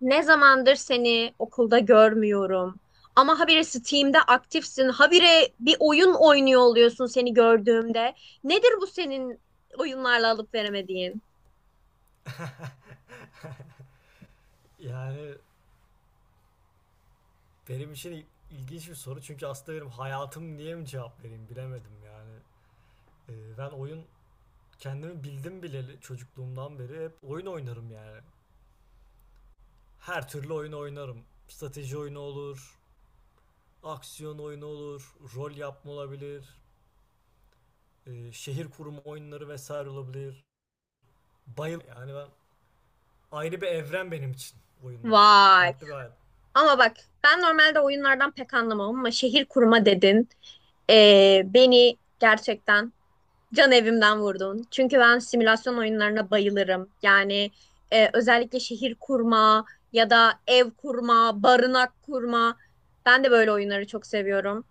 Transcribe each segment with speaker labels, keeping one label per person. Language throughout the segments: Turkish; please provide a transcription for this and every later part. Speaker 1: Ne zamandır seni okulda görmüyorum. Ama habire Steam'de aktifsin. Habire bir oyun oynuyor oluyorsun seni gördüğümde. Nedir bu senin oyunlarla alıp veremediğin?
Speaker 2: Yani benim için ilginç bir soru çünkü aslında benim hayatım diye mi cevap vereyim bilemedim yani. Ben kendimi bildim bileli çocukluğumdan beri hep oyun oynarım yani. Her türlü oyun oynarım. Strateji oyunu olur, aksiyon oyunu olur, rol yapma olabilir, şehir kurma oyunları vesaire olabilir. Yani ben ayrı bir evren benim için oyunlar.
Speaker 1: Vay.
Speaker 2: Farklı bir hayat.
Speaker 1: Ama bak ben normalde oyunlardan pek anlamam ama şehir kurma dedin. Beni gerçekten can evimden vurdun. Çünkü ben simülasyon oyunlarına bayılırım. Yani özellikle şehir kurma ya da ev kurma, barınak kurma. Ben de böyle oyunları çok seviyorum.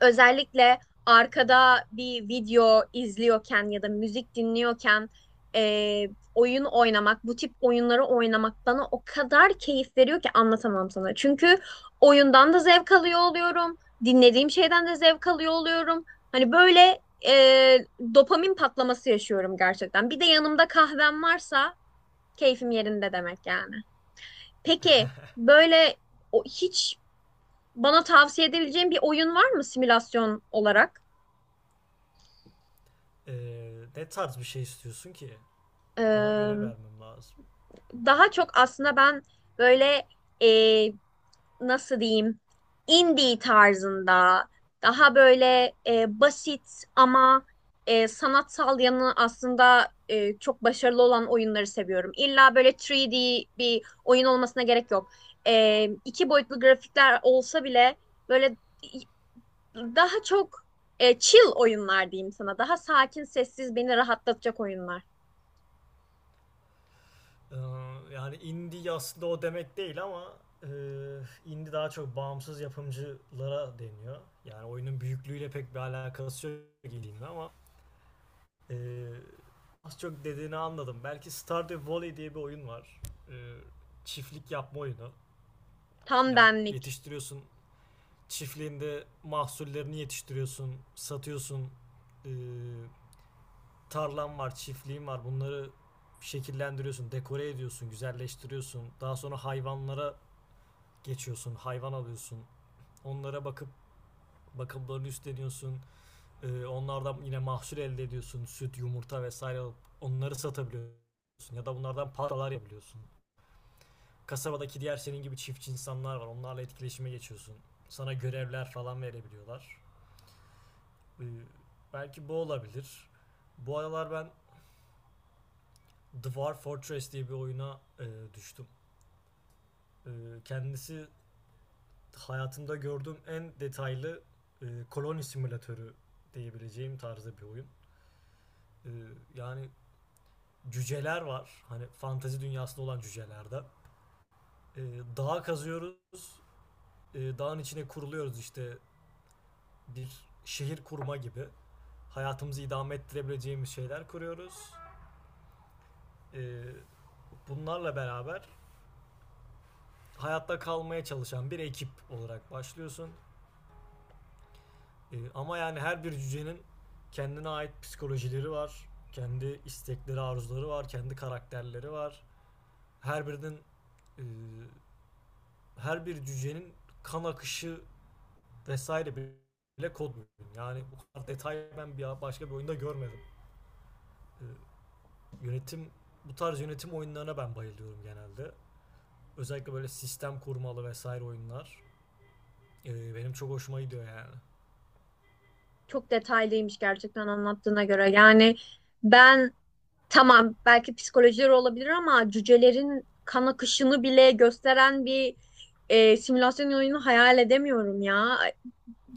Speaker 1: Özellikle arkada bir video izliyorken ya da müzik dinliyorken e, oyun oynamak, bu tip oyunları oynamak bana o kadar keyif veriyor ki anlatamam sana. Çünkü oyundan da zevk alıyor oluyorum, dinlediğim şeyden de zevk alıyor oluyorum. Hani böyle dopamin patlaması yaşıyorum gerçekten. Bir de yanımda kahvem varsa keyfim yerinde demek yani. Peki böyle hiç bana tavsiye edebileceğin bir oyun var mı simülasyon olarak?
Speaker 2: Ne tarz bir şey istiyorsun ki? Ona göre
Speaker 1: Ee,
Speaker 2: vermem lazım.
Speaker 1: daha çok aslında ben böyle e, nasıl diyeyim indie tarzında daha böyle basit ama sanatsal yanı aslında çok başarılı olan oyunları seviyorum. İlla böyle 3D bir oyun olmasına gerek yok. E, iki boyutlu grafikler olsa bile böyle daha çok chill oyunlar diyeyim sana. Daha sakin, sessiz, beni rahatlatacak oyunlar.
Speaker 2: Ee, Yani indie aslında o demek değil ama e, indie daha çok bağımsız yapımcılara deniyor. Yani oyunun büyüklüğüyle pek bir alakası yok dediğimde ama e, az çok dediğini anladım. Belki Stardew Valley diye bir oyun var. E, Çiftlik yapma oyunu.
Speaker 1: Tam
Speaker 2: Yani
Speaker 1: benlik.
Speaker 2: yetiştiriyorsun, çiftliğinde mahsullerini yetiştiriyorsun, satıyorsun. E, Tarlan var, çiftliğin var. Bunları şekillendiriyorsun, dekore ediyorsun, güzelleştiriyorsun. Daha sonra hayvanlara geçiyorsun, hayvan alıyorsun. Onlara bakıp bakımlarını üstleniyorsun. Onlardan yine mahsul elde ediyorsun. Süt, yumurta vesaire alıp onları satabiliyorsun. Ya da bunlardan paralar yapabiliyorsun. Kasabadaki diğer senin gibi çiftçi insanlar var. Onlarla etkileşime geçiyorsun. Sana görevler falan verebiliyorlar. Ee, Belki bu olabilir. Bu aralar ben Dwarf Fortress diye bir oyuna düştüm. E, Kendisi hayatımda gördüğüm en detaylı koloni simülatörü diyebileceğim tarzda bir oyun. E, Yani cüceler var. Hani fantezi dünyasında olan cücelerde. E, Dağ kazıyoruz. E, dağın içine kuruluyoruz işte bir şehir kurma gibi. Hayatımızı idame ettirebileceğimiz şeyler kuruyoruz. E, Bunlarla beraber hayatta kalmaya çalışan bir ekip olarak başlıyorsun. E, ama yani her bir cücenin kendine ait psikolojileri var. Kendi istekleri, arzuları var. Kendi karakterleri var. Her birinin e, her bir cücenin kan akışı vesaire bile kod mümkün. Yani bu kadar detay ben başka bir oyunda görmedim. E, yönetim Bu tarz yönetim oyunlarına ben bayılıyorum genelde. Özellikle böyle sistem kurmalı vesaire oyunlar, benim çok hoşuma gidiyor yani.
Speaker 1: Çok detaylıymış gerçekten anlattığına göre. Yani ben tamam belki psikolojileri olabilir ama cücelerin kan akışını bile gösteren bir simülasyon oyunu hayal edemiyorum ya.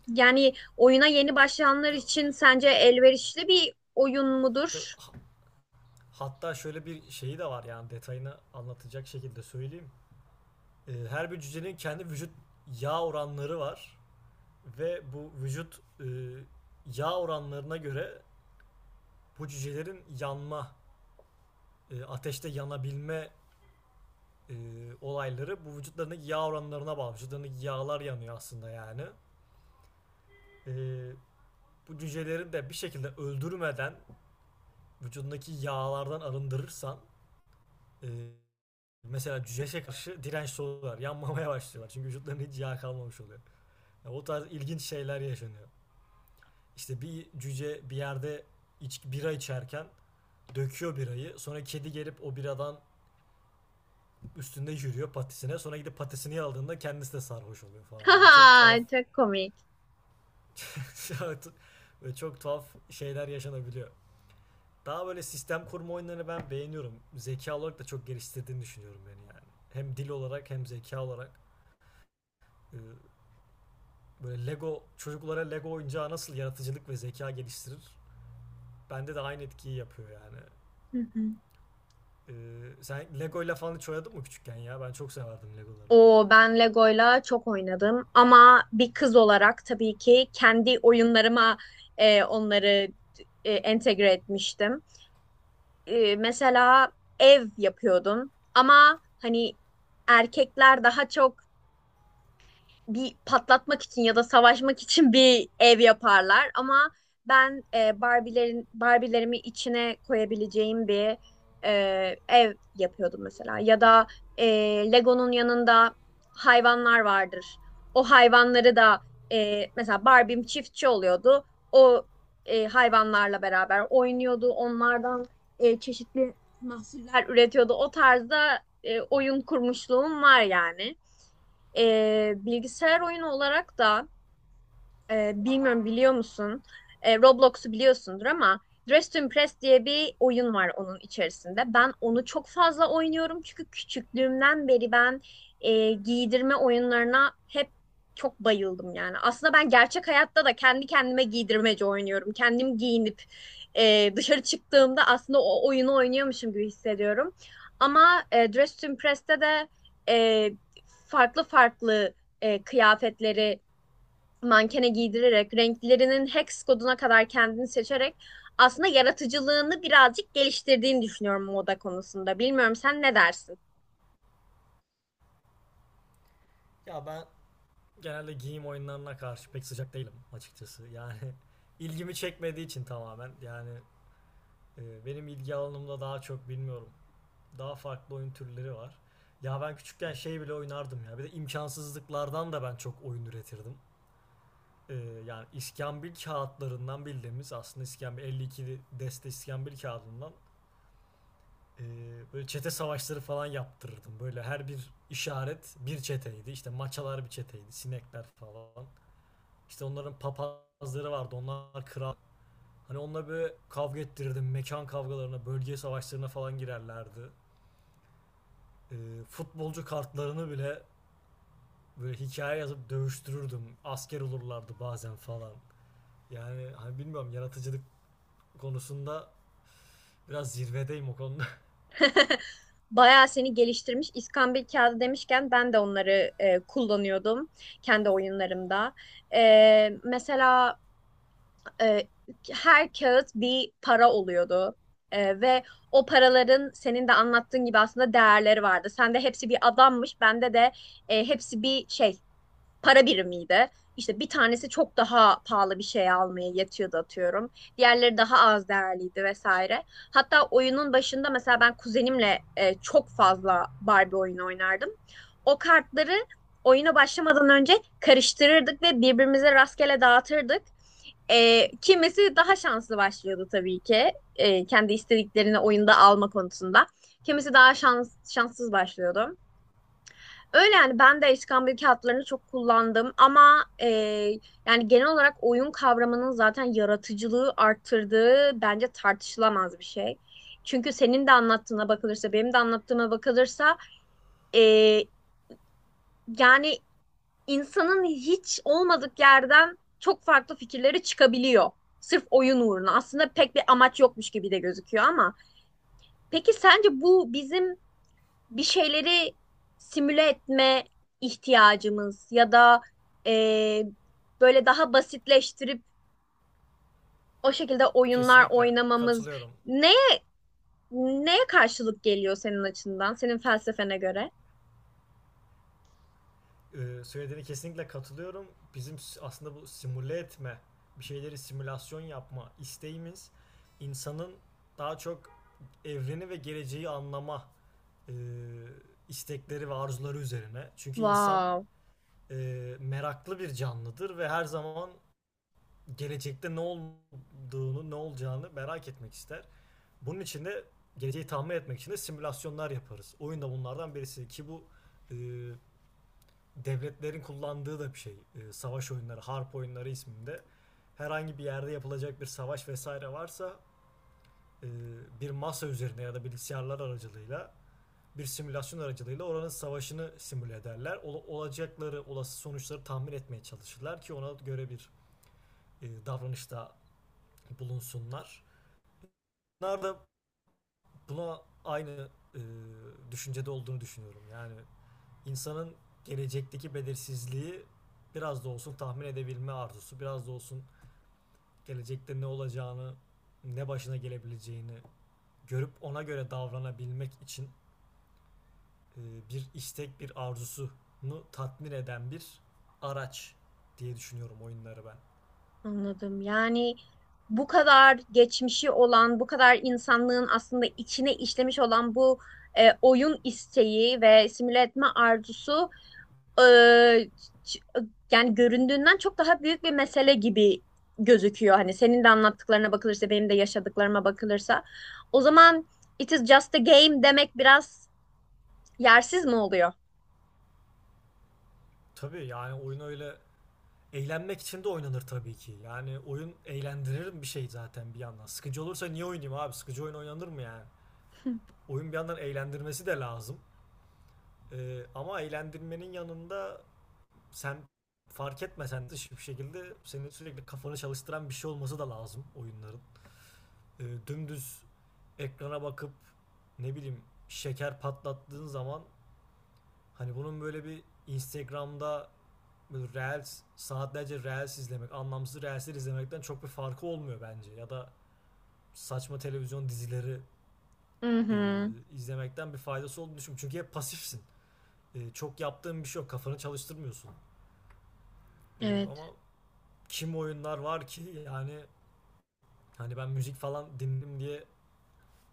Speaker 1: Yani oyuna yeni başlayanlar için sence elverişli bir oyun mudur?
Speaker 2: Hatta şöyle bir şeyi de var yani detayını anlatacak şekilde söyleyeyim. Her bir cücenin kendi vücut yağ oranları var ve bu vücut yağ oranlarına göre bu cücelerin yanma, ateşte yanabilme e, olayları bu vücutlarındaki yağ oranlarına bağlı. Vücutlarındaki yağlar yanıyor aslında yani. E, Bu cüceleri de bir şekilde öldürmeden vücudundaki yağlardan arındırırsan e, mesela cüceşe karşı dirençli oluyorlar. Yanmamaya başlıyorlar. Çünkü vücutlarında hiç yağ kalmamış oluyor. Yani o tarz ilginç şeyler yaşanıyor. İşte bir cüce bir yerde bira içerken döküyor birayı. Sonra kedi gelip o biradan üstünde yürüyor patisine. Sonra gidip patisini aldığında kendisi de sarhoş oluyor falan. Böyle çok
Speaker 1: Haha,
Speaker 2: tuhaf,
Speaker 1: çok komik.
Speaker 2: böyle çok tuhaf şeyler yaşanabiliyor. Daha böyle sistem kurma oyunlarını ben beğeniyorum. Zeka olarak da çok geliştirdiğini düşünüyorum beni yani. Hem dil olarak hem zeka olarak, e, böyle Lego, çocuklara Lego oyuncağı nasıl yaratıcılık ve zeka geliştirir? Bende de aynı etkiyi yapıyor yani.
Speaker 1: Hı hı.
Speaker 2: Sen Lego ile falan hiç oynadın mı küçükken ya? Ben çok severdim Legoları.
Speaker 1: O ben Lego'yla çok oynadım ama bir kız olarak tabii ki kendi oyunlarıma onları entegre etmiştim. Mesela ev yapıyordum ama hani erkekler daha çok bir patlatmak için ya da savaşmak için bir ev yaparlar ama ben Barbie'lerimi içine koyabileceğim bir ev yapıyordum mesela ya da e, Lego'nun yanında hayvanlar vardır. O hayvanları da mesela Barbie'm çiftçi oluyordu. O hayvanlarla beraber oynuyordu. Onlardan çeşitli mahsuller üretiyordu. O tarzda oyun kurmuşluğum var yani. Bilgisayar oyunu olarak da bilmiyorum biliyor musun? Roblox'u biliyorsundur ama Dress to Impress diye bir oyun var onun içerisinde. Ben onu çok fazla oynuyorum çünkü küçüklüğümden beri ben giydirme oyunlarına hep çok bayıldım yani. Aslında ben gerçek hayatta da kendi kendime giydirmece oynuyorum. Kendim giyinip dışarı çıktığımda aslında o oyunu oynuyormuşum gibi hissediyorum. Ama Dress to Impress'te de e, farklı farklı kıyafetleri mankene giydirerek, renklerinin hex koduna kadar kendini seçerek aslında yaratıcılığını birazcık geliştirdiğini düşünüyorum moda konusunda. Bilmiyorum sen ne dersin?
Speaker 2: Genelde giyim oyunlarına karşı pek sıcak değilim açıkçası. Yani ilgimi çekmediği için tamamen. Yani benim ilgi alanımda daha çok bilmiyorum. Daha farklı oyun türleri var. Ya ben küçükken şey bile oynardım ya. Bir de imkansızlıklardan da ben çok oyun üretirdim. e, Yani iskambil kağıtlarından, bildiğimiz aslında iskambil, 52 deste iskambil kağıdından e, böyle çete savaşları falan yaptırırdım. Böyle her bir işaret bir çeteydi. İşte maçalar bir çeteydi. Sinekler falan. İşte onların papazları vardı. Onlar kral. Hani onunla böyle kavga ettirirdim. Mekan kavgalarına, bölge savaşlarına falan girerlerdi. E, futbolcu kartlarını bile böyle hikaye yazıp dövüştürürdüm. Asker olurlardı bazen falan. Yani hani bilmiyorum, yaratıcılık konusunda biraz zirvedeyim o konuda.
Speaker 1: Bayağı seni geliştirmiş. İskambil kağıdı demişken ben de onları kullanıyordum kendi oyunlarımda. Mesela e, her kağıt bir para oluyordu. Ve o paraların senin de anlattığın gibi aslında değerleri vardı. Sende hepsi bir adammış, bende de hepsi bir şey para birimiydi. İşte bir tanesi çok daha pahalı bir şey almaya yetiyordu atıyorum. Diğerleri daha az değerliydi vesaire. Hatta oyunun başında mesela ben kuzenimle çok fazla Barbie oyunu oynardım. O kartları oyuna başlamadan önce karıştırırdık ve birbirimize rastgele dağıtırdık. Kimisi daha şanslı başlıyordu tabii ki. Kendi istediklerini oyunda alma konusunda. Kimisi daha şanssız başlıyordu. Öyle yani ben de iskambil kağıtlarını çok kullandım ama yani genel olarak oyun kavramının zaten yaratıcılığı arttırdığı bence tartışılamaz bir şey. Çünkü senin de anlattığına bakılırsa benim de anlattığıma bakılırsa e, yani insanın hiç olmadık yerden çok farklı fikirleri çıkabiliyor. Sırf oyun uğruna. Aslında pek bir amaç yokmuş gibi de gözüküyor ama peki sence bu bizim bir şeyleri simüle etme ihtiyacımız ya da e, böyle daha basitleştirip o şekilde oyunlar
Speaker 2: Kesinlikle
Speaker 1: oynamamız
Speaker 2: katılıyorum.
Speaker 1: neye neye karşılık geliyor senin açından, senin felsefene göre?
Speaker 2: Söylediğine kesinlikle katılıyorum. Bizim aslında bu simüle etme, bir şeyleri simülasyon yapma isteğimiz insanın daha çok evreni ve geleceği anlama e, istekleri ve arzuları üzerine. Çünkü insan
Speaker 1: Wow,
Speaker 2: e, meraklı bir canlıdır ve her zaman gelecekte ne olduğunu, ne olacağını merak etmek ister. Bunun için de geleceği tahmin etmek için de simülasyonlar yaparız. Oyun da bunlardan birisi ki bu e, devletlerin kullandığı da bir şey. E, savaş oyunları, harp oyunları isminde herhangi bir yerde yapılacak bir savaş vesaire varsa e, bir masa üzerine ya da bilgisayarlar aracılığıyla bir simülasyon aracılığıyla oranın savaşını simüle ederler. Olacakları, olası sonuçları tahmin etmeye çalışırlar ki ona göre bir davranışta bulunsunlar. Bunlar da Buna aynı e, düşüncede olduğunu düşünüyorum. Yani insanın gelecekteki belirsizliği biraz da olsun tahmin edebilme arzusu, biraz da olsun gelecekte ne olacağını, ne başına gelebileceğini görüp ona göre davranabilmek için e, bir istek, bir arzusunu tatmin eden bir araç diye düşünüyorum oyunları ben.
Speaker 1: anladım. Yani bu kadar geçmişi olan, bu kadar insanlığın aslında içine işlemiş olan bu oyun isteği ve simüle etme arzusu eee, ç- yani göründüğünden çok daha büyük bir mesele gibi gözüküyor. Hani senin de anlattıklarına bakılırsa, benim de yaşadıklarıma bakılırsa. O zaman it is just a game demek biraz yersiz mi oluyor?
Speaker 2: Tabii yani oyun öyle, eğlenmek için de oynanır tabii ki. Yani oyun eğlendirir bir şey zaten bir yandan. Sıkıcı olursa niye oynayayım abi? Sıkıcı oyun oynanır mı yani? Oyun bir yandan eğlendirmesi de lazım. Ama eğlendirmenin yanında sen fark etmesen de hiçbir şekilde senin sürekli kafanı çalıştıran bir şey olması da lazım oyunların. Dümdüz ekrana bakıp ne bileyim şeker patlattığın zaman, hani bunun böyle bir Instagram'da böyle reels, saatlerce reels izlemek, anlamsız reelsler izlemekten çok bir farkı olmuyor bence. Ya da saçma televizyon dizileri
Speaker 1: Hı
Speaker 2: e,
Speaker 1: hı.
Speaker 2: izlemekten bir faydası olduğunu düşünüyorum. Çünkü hep pasifsin. E, çok yaptığın bir şey yok. Kafanı çalıştırmıyorsun. E,
Speaker 1: Evet.
Speaker 2: ama kim oyunlar var ki yani, hani ben müzik falan dinledim diye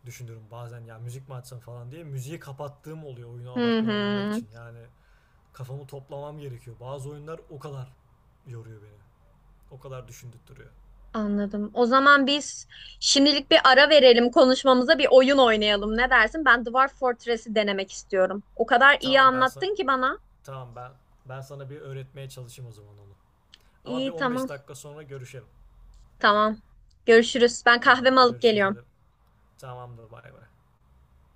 Speaker 2: düşünüyorum bazen, ya müzik mi açsam falan diye müziği kapattığım oluyor oyuna
Speaker 1: Hı
Speaker 2: odaklanabilmek
Speaker 1: hı.
Speaker 2: için. Yani kafamı toplamam gerekiyor. Bazı oyunlar o kadar yoruyor beni. O kadar düşündürtüyor.
Speaker 1: Anladım. O zaman biz şimdilik bir ara verelim, konuşmamıza bir oyun oynayalım. Ne dersin? Ben Dwarf Fortress'i denemek istiyorum. O kadar iyi
Speaker 2: Tamam ben sana
Speaker 1: anlattın ki bana.
Speaker 2: Tamam ben sana bir öğretmeye çalışayım o zaman onu. Ama bir
Speaker 1: İyi, tamam.
Speaker 2: 15 dakika sonra görüşelim.
Speaker 1: Tamam. Görüşürüz. Ben
Speaker 2: Tamam,
Speaker 1: kahvemi alıp
Speaker 2: görüşürüz
Speaker 1: geliyorum.
Speaker 2: dedim. Tamamdır, bay bay.